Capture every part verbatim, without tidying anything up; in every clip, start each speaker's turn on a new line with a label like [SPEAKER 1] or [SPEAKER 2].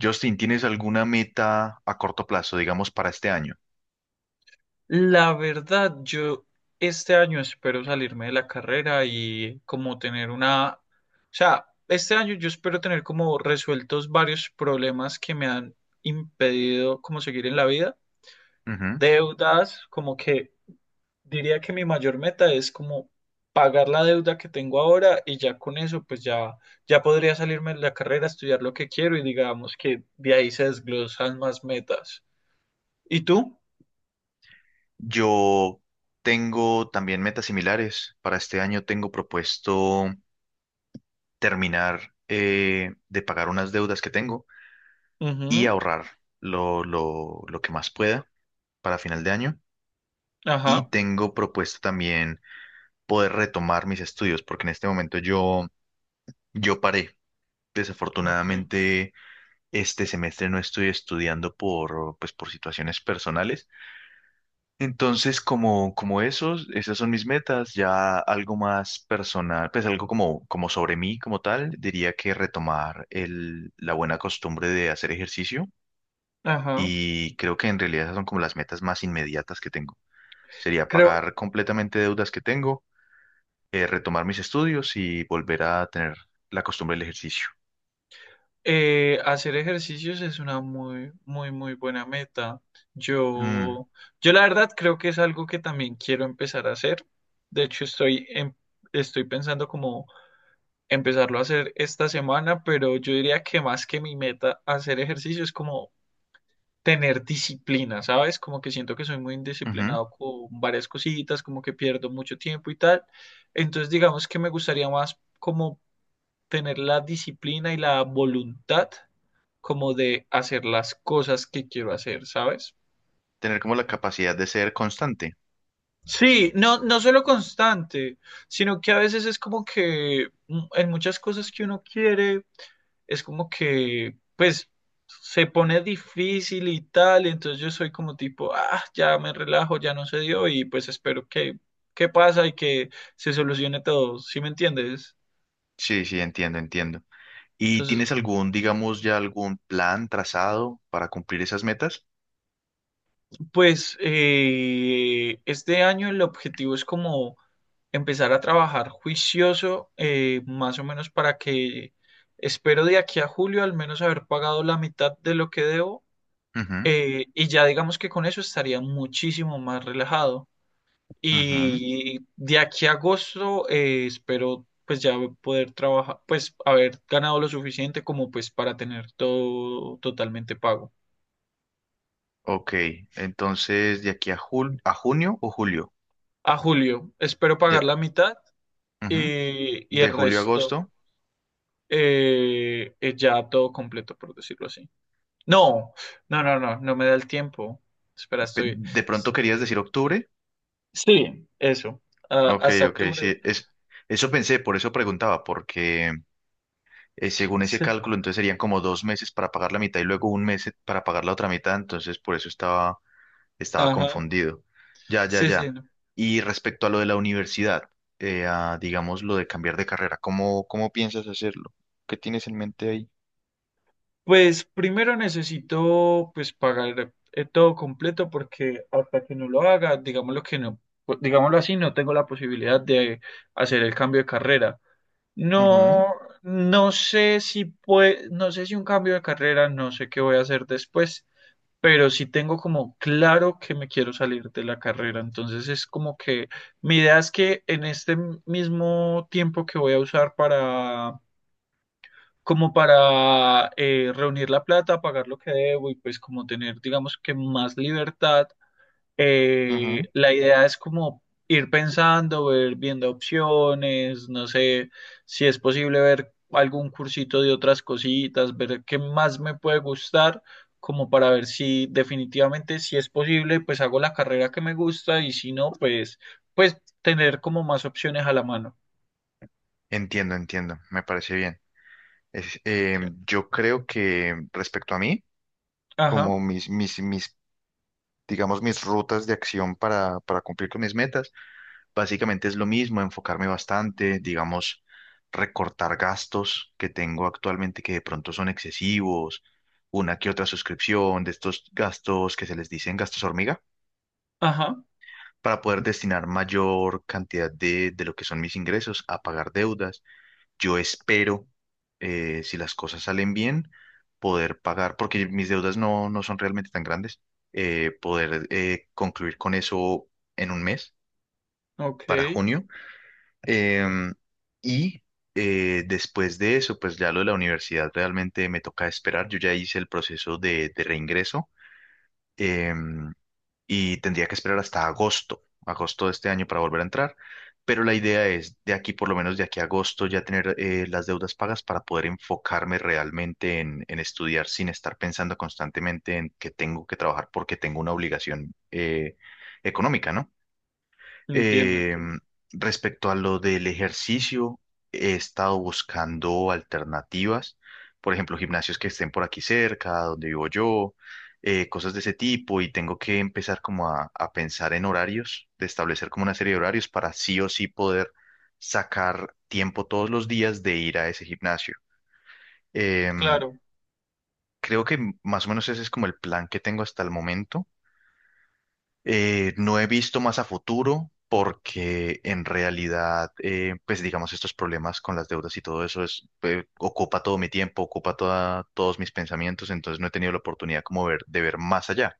[SPEAKER 1] Justin, ¿tienes alguna meta a corto plazo, digamos, para este año?
[SPEAKER 2] La verdad, yo este año espero salirme de la carrera y como tener una, o sea, este año yo espero tener como resueltos varios problemas que me han impedido como seguir en la vida.
[SPEAKER 1] Ujú.
[SPEAKER 2] Deudas, como que diría que mi mayor meta es como pagar la deuda que tengo ahora y ya con eso pues ya ya podría salirme de la carrera, estudiar lo que quiero y digamos que de ahí se desglosan más metas. ¿Y tú?
[SPEAKER 1] Yo tengo también metas similares. Para este año tengo propuesto terminar eh, de pagar unas deudas que tengo y
[SPEAKER 2] Ujú.
[SPEAKER 1] ahorrar lo, lo, lo que más pueda para final de año. Y
[SPEAKER 2] Ajá.
[SPEAKER 1] tengo propuesto también poder retomar mis estudios, porque en este momento yo, yo paré.
[SPEAKER 2] Ok.
[SPEAKER 1] Desafortunadamente, este semestre no estoy estudiando por, pues, por situaciones personales. Entonces, como, como esos, esas son mis metas, ya algo más personal, pues algo como, como sobre mí, como tal, diría que retomar el, la buena costumbre de hacer ejercicio,
[SPEAKER 2] Ajá.
[SPEAKER 1] y creo que en realidad esas son como las metas más inmediatas que tengo. Sería
[SPEAKER 2] Creo
[SPEAKER 1] pagar completamente deudas que tengo, eh, retomar mis estudios y volver a tener la costumbre del ejercicio.
[SPEAKER 2] eh, hacer ejercicios es una muy, muy, muy buena meta.
[SPEAKER 1] Mm,
[SPEAKER 2] Yo, yo la verdad creo que es algo que también quiero empezar a hacer. De hecho, estoy, em- estoy pensando como empezarlo a hacer esta semana, pero yo diría que más que mi meta hacer ejercicio es como tener disciplina, ¿sabes? Como que siento que soy muy
[SPEAKER 1] ujú.
[SPEAKER 2] indisciplinado con varias cositas, como que pierdo mucho tiempo y tal. Entonces, digamos que me gustaría más como tener la disciplina y la voluntad como de hacer las cosas que quiero hacer, ¿sabes?
[SPEAKER 1] Tener como la capacidad de ser constante.
[SPEAKER 2] Sí, no, no solo constante, sino que a veces es como que mm, en muchas cosas que uno quiere, es como que, pues, se pone difícil y tal, entonces yo soy como tipo, ah, ya me relajo, ya no se dio y pues espero que, que pasa y que se solucione todo, ¿sí me entiendes?
[SPEAKER 1] Sí, sí, entiendo, entiendo. ¿Y
[SPEAKER 2] Entonces,
[SPEAKER 1] tienes algún, digamos, ya algún plan trazado para cumplir esas metas?
[SPEAKER 2] pues eh, este año el objetivo es como empezar a trabajar juicioso, eh, más o menos para que espero de aquí a julio al menos haber pagado la mitad de lo que debo
[SPEAKER 1] Ujú,
[SPEAKER 2] eh, y ya digamos que con eso estaría muchísimo más relajado.
[SPEAKER 1] ujú.
[SPEAKER 2] Y de aquí a agosto eh, espero pues ya poder trabajar, pues haber ganado lo suficiente como pues para tener todo totalmente pago.
[SPEAKER 1] Ok, entonces de aquí a, jul- a junio o julio.
[SPEAKER 2] A julio espero pagar
[SPEAKER 1] De,
[SPEAKER 2] la mitad
[SPEAKER 1] ujú.
[SPEAKER 2] y, y
[SPEAKER 1] De
[SPEAKER 2] el
[SPEAKER 1] julio a
[SPEAKER 2] resto
[SPEAKER 1] agosto.
[SPEAKER 2] eh, es ya todo completo, por decirlo así. No, no, no, no, no me da el tiempo. Espera,
[SPEAKER 1] Pe-
[SPEAKER 2] estoy...
[SPEAKER 1] ¿De pronto querías decir octubre?
[SPEAKER 2] Sí, eso. Ah,
[SPEAKER 1] Ok,
[SPEAKER 2] hasta
[SPEAKER 1] ok,
[SPEAKER 2] octubre.
[SPEAKER 1] sí. Es, eso pensé, por eso preguntaba, porque eh, según ese
[SPEAKER 2] Sí,
[SPEAKER 1] cálculo, entonces serían como dos meses para pagar la mitad y luego un mes eh, para pagar la otra mitad, entonces por eso estaba. Estaba
[SPEAKER 2] ajá.
[SPEAKER 1] confundido. Ya, ya,
[SPEAKER 2] Sí, sí,
[SPEAKER 1] ya.
[SPEAKER 2] no.
[SPEAKER 1] Y respecto a lo de la universidad, eh, a, digamos lo de cambiar de carrera, ¿cómo, cómo piensas hacerlo? ¿Qué tienes en mente ahí?
[SPEAKER 2] Pues primero necesito pues pagar eh, todo completo porque hasta que no lo haga, digámoslo que no, pues, digámoslo así, no tengo la posibilidad de hacer el cambio de carrera.
[SPEAKER 1] Ujú,
[SPEAKER 2] No, no sé si pue- no sé si un cambio de carrera, no sé qué voy a hacer después, pero sí tengo como claro que me quiero salir de la carrera. Entonces es como que mi idea es que en este mismo tiempo que voy a usar para como para eh, reunir la plata, pagar lo que debo y pues como tener, digamos que más libertad
[SPEAKER 1] ujú.
[SPEAKER 2] eh, la idea es como ir pensando, ver, viendo opciones, no sé si es posible ver algún cursito de otras cositas, ver qué más me puede gustar, como para ver si definitivamente si es posible, pues hago la carrera que me gusta y si no, pues, pues tener como más opciones a la mano.
[SPEAKER 1] Entiendo, entiendo, me parece bien. Es, eh,
[SPEAKER 2] Sí.
[SPEAKER 1] yo creo que respecto a mí, como
[SPEAKER 2] Ajá,
[SPEAKER 1] mis, mis, mis, digamos, mis rutas de acción para, para cumplir con mis metas, básicamente es lo mismo, enfocarme bastante, digamos, recortar gastos que tengo actualmente que de pronto son excesivos, una que otra suscripción de estos gastos que se les dicen gastos hormiga,
[SPEAKER 2] ajá,
[SPEAKER 1] para poder destinar mayor cantidad de, de lo que son mis ingresos a pagar deudas. Yo espero, eh, si las cosas salen bien, poder pagar, porque mis deudas no, no son realmente tan grandes, eh, poder eh, concluir con eso en un mes, para
[SPEAKER 2] ok,
[SPEAKER 1] junio. Em, y eh, después de eso, pues ya lo de la universidad realmente me toca esperar. Yo ya hice el proceso de, de reingreso, em, y tendría que esperar hasta agosto, agosto de este año para volver a entrar. Pero la idea es de aquí, por lo menos de aquí a agosto, ya tener eh, las deudas pagas para poder enfocarme realmente en, en estudiar sin estar pensando constantemente en que tengo que trabajar porque tengo una obligación eh, económica, ¿no?
[SPEAKER 2] entiendo,
[SPEAKER 1] Eh,
[SPEAKER 2] entiendo.
[SPEAKER 1] Respecto a lo del ejercicio, he estado buscando alternativas, por ejemplo, gimnasios que estén por aquí cerca, donde vivo yo, eh, cosas de ese tipo, y tengo que empezar como a, a pensar en horarios, de establecer como una serie de horarios para sí o sí poder sacar tiempo todos los días de ir a ese gimnasio. Em,
[SPEAKER 2] Claro,
[SPEAKER 1] creo que más o menos ese es como el plan que tengo hasta el momento. Eh, no he visto más a futuro porque en realidad, eh, pues digamos, estos problemas con las deudas y todo eso es, eh, ocupa todo mi tiempo, ocupa toda- todos mis pensamientos, entonces no he tenido la oportunidad como ver, de ver más allá.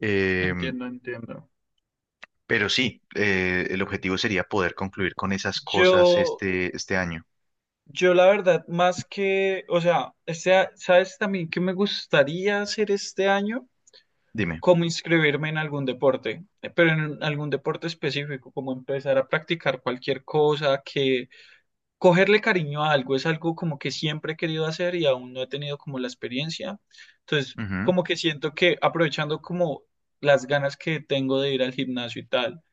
[SPEAKER 1] Eh,
[SPEAKER 2] entiendo, entiendo.
[SPEAKER 1] pero sí, eh, el objetivo sería poder concluir con esas cosas
[SPEAKER 2] Yo,
[SPEAKER 1] este, este año.
[SPEAKER 2] Yo la verdad, más que, o sea, este, a- ¿sabes también qué me gustaría hacer este año?
[SPEAKER 1] Dime.
[SPEAKER 2] Como inscribirme en algún deporte, eh, pero en algún deporte específico, como empezar a practicar cualquier cosa, que cogerle cariño a algo es algo como que siempre he querido hacer y aún no he tenido como la experiencia. Entonces,
[SPEAKER 1] Ujú.
[SPEAKER 2] como que siento que aprovechando como las ganas que tengo de ir al gimnasio y tal,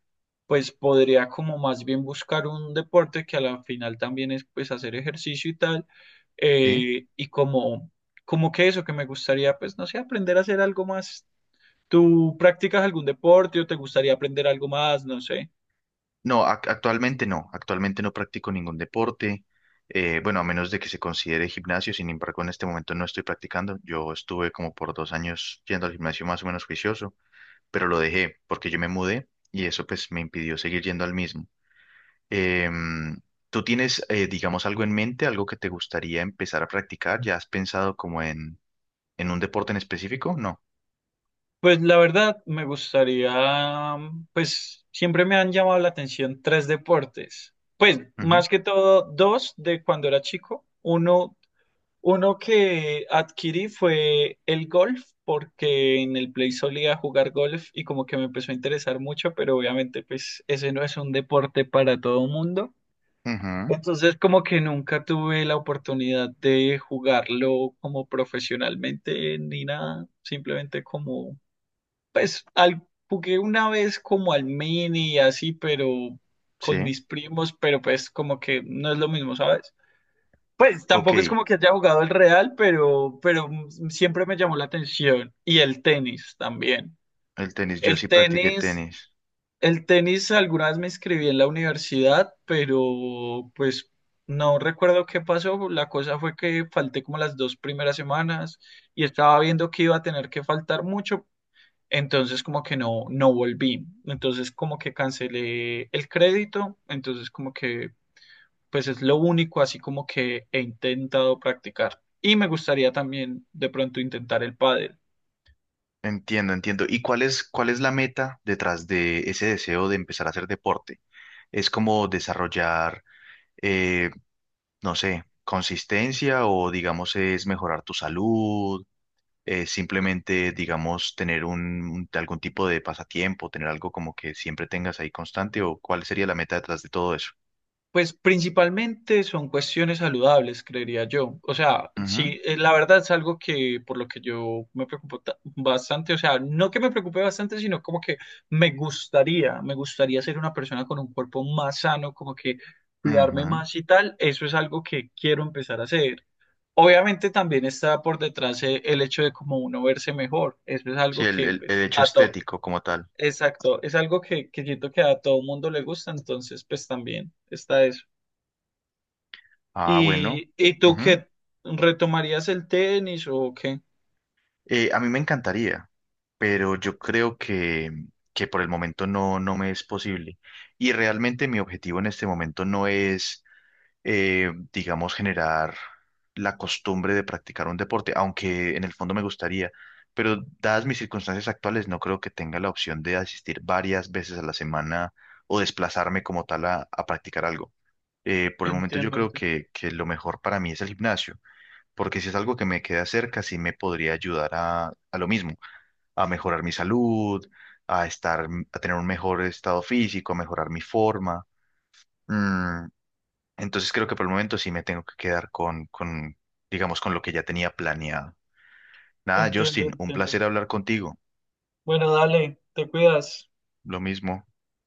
[SPEAKER 2] pues podría como más bien buscar un deporte que a la final también es pues hacer ejercicio y tal
[SPEAKER 1] ¿Sí?
[SPEAKER 2] eh, y como, como que eso, que me gustaría, pues, no sé, aprender a hacer algo más. ¿Tú practicas algún deporte o te gustaría aprender algo más? No sé.
[SPEAKER 1] No, ac- actualmente no, actualmente no practico ningún deporte, eh, bueno, a menos de que se considere gimnasio, sin embargo, en este momento no estoy practicando. Yo estuve como por dos años yendo al gimnasio más o menos juicioso, pero lo dejé porque yo me mudé y eso pues me impidió seguir yendo al mismo. Em, ¿tú tienes, eh, digamos, algo en mente, algo que te gustaría empezar a practicar? ¿Ya has pensado como en, en un deporte en específico? No.
[SPEAKER 2] Pues la verdad, me gustaría, mm, pues, siempre me han llamado la atención tres deportes. Pues,
[SPEAKER 1] Ujú,
[SPEAKER 2] más que todo, dos de cuando era chico. Uno, uno que adquirí fue el golf, porque en el Play solía jugar golf y como que me empezó a interesar mucho, pero obviamente, pues, ese no es un deporte para todo mundo.
[SPEAKER 1] ujú,
[SPEAKER 2] Entonces, como que nunca tuve la oportunidad de jugarlo como profesionalmente ni nada, simplemente como, pues, al, jugué una vez como al mini y así, pero con
[SPEAKER 1] sí,
[SPEAKER 2] mis primos, pero pues como que no es lo mismo, ¿sabes? Pues
[SPEAKER 1] ok,
[SPEAKER 2] tampoco es como que haya jugado el real, pero, pero mm, siempre me llamó la atención. Y el tenis también.
[SPEAKER 1] el tenis, yo
[SPEAKER 2] El
[SPEAKER 1] sí practiqué
[SPEAKER 2] tenis.
[SPEAKER 1] tenis.
[SPEAKER 2] El tenis alguna vez me inscribí en la universidad, pero pues no recuerdo qué pasó. La cosa fue que falté como las dos primeras semanas y estaba viendo que iba a tener que faltar mucho, entonces como que no, no volví. Entonces como que cancelé el crédito, entonces como que pues es lo único así como que he intentado practicar. Y me gustaría también de pronto intentar el pádel.
[SPEAKER 1] Entiendo, entiendo. ¿Y cuál es, cuál es la meta detrás de ese deseo de empezar a hacer deporte? ¿Es como desarrollar, eh, no sé, consistencia o digamos es mejorar tu salud? Eh, simplemente, digamos, tener un, un- algún tipo de pasatiempo, tener algo como que siempre tengas ahí constante, ¿o cuál sería la meta detrás de todo eso?
[SPEAKER 2] Pues principalmente son cuestiones saludables, creería yo. O sea,
[SPEAKER 1] Ujú,
[SPEAKER 2] sí, eh, la verdad es algo que por lo que yo me preocupo ta- bastante, o sea, no que me preocupe bastante, sino como que me gustaría, me gustaría ser una persona con un cuerpo más sano, como que cuidarme
[SPEAKER 1] ujú.
[SPEAKER 2] más y tal. Eso es algo que quiero empezar a hacer. Obviamente también está por detrás eh, el hecho de como uno verse mejor. Eso es
[SPEAKER 1] Sí,
[SPEAKER 2] algo
[SPEAKER 1] el,
[SPEAKER 2] que,
[SPEAKER 1] el- el
[SPEAKER 2] pues,
[SPEAKER 1] hecho
[SPEAKER 2] a todo,
[SPEAKER 1] estético como tal.
[SPEAKER 2] exacto, es algo que, que siento que a todo mundo le gusta, entonces, pues también está eso.
[SPEAKER 1] Ah, bueno.
[SPEAKER 2] ¿Y, y tú qué? ¿Retomarías el tenis o qué?
[SPEAKER 1] Eh, a mí me encantaría, pero yo creo que, que por el momento no, no me es posible. Y realmente mi objetivo en este momento no es, eh, digamos, generar la costumbre de practicar un deporte, aunque en el fondo me gustaría. Pero dadas mis circunstancias actuales, no creo que tenga la opción de asistir varias veces a la semana o desplazarme como tal a, a practicar algo. Eh, por el momento yo
[SPEAKER 2] Entiendo,
[SPEAKER 1] creo
[SPEAKER 2] entiendo,
[SPEAKER 1] que, que lo mejor para mí es el gimnasio, porque si es algo que me queda cerca, sí me podría ayudar a, a lo mismo, a mejorar mi salud, a estar, mm, a tener un mejor estado físico, a mejorar mi forma. Mm, entonces creo que por el momento sí me tengo que quedar con, con, digamos, con lo que ya tenía planeado. Nada,
[SPEAKER 2] entiendo,
[SPEAKER 1] Justin, un
[SPEAKER 2] entiendo.
[SPEAKER 1] placer hablar contigo.
[SPEAKER 2] Bueno, dale, te cuidas.
[SPEAKER 1] Lo mismo.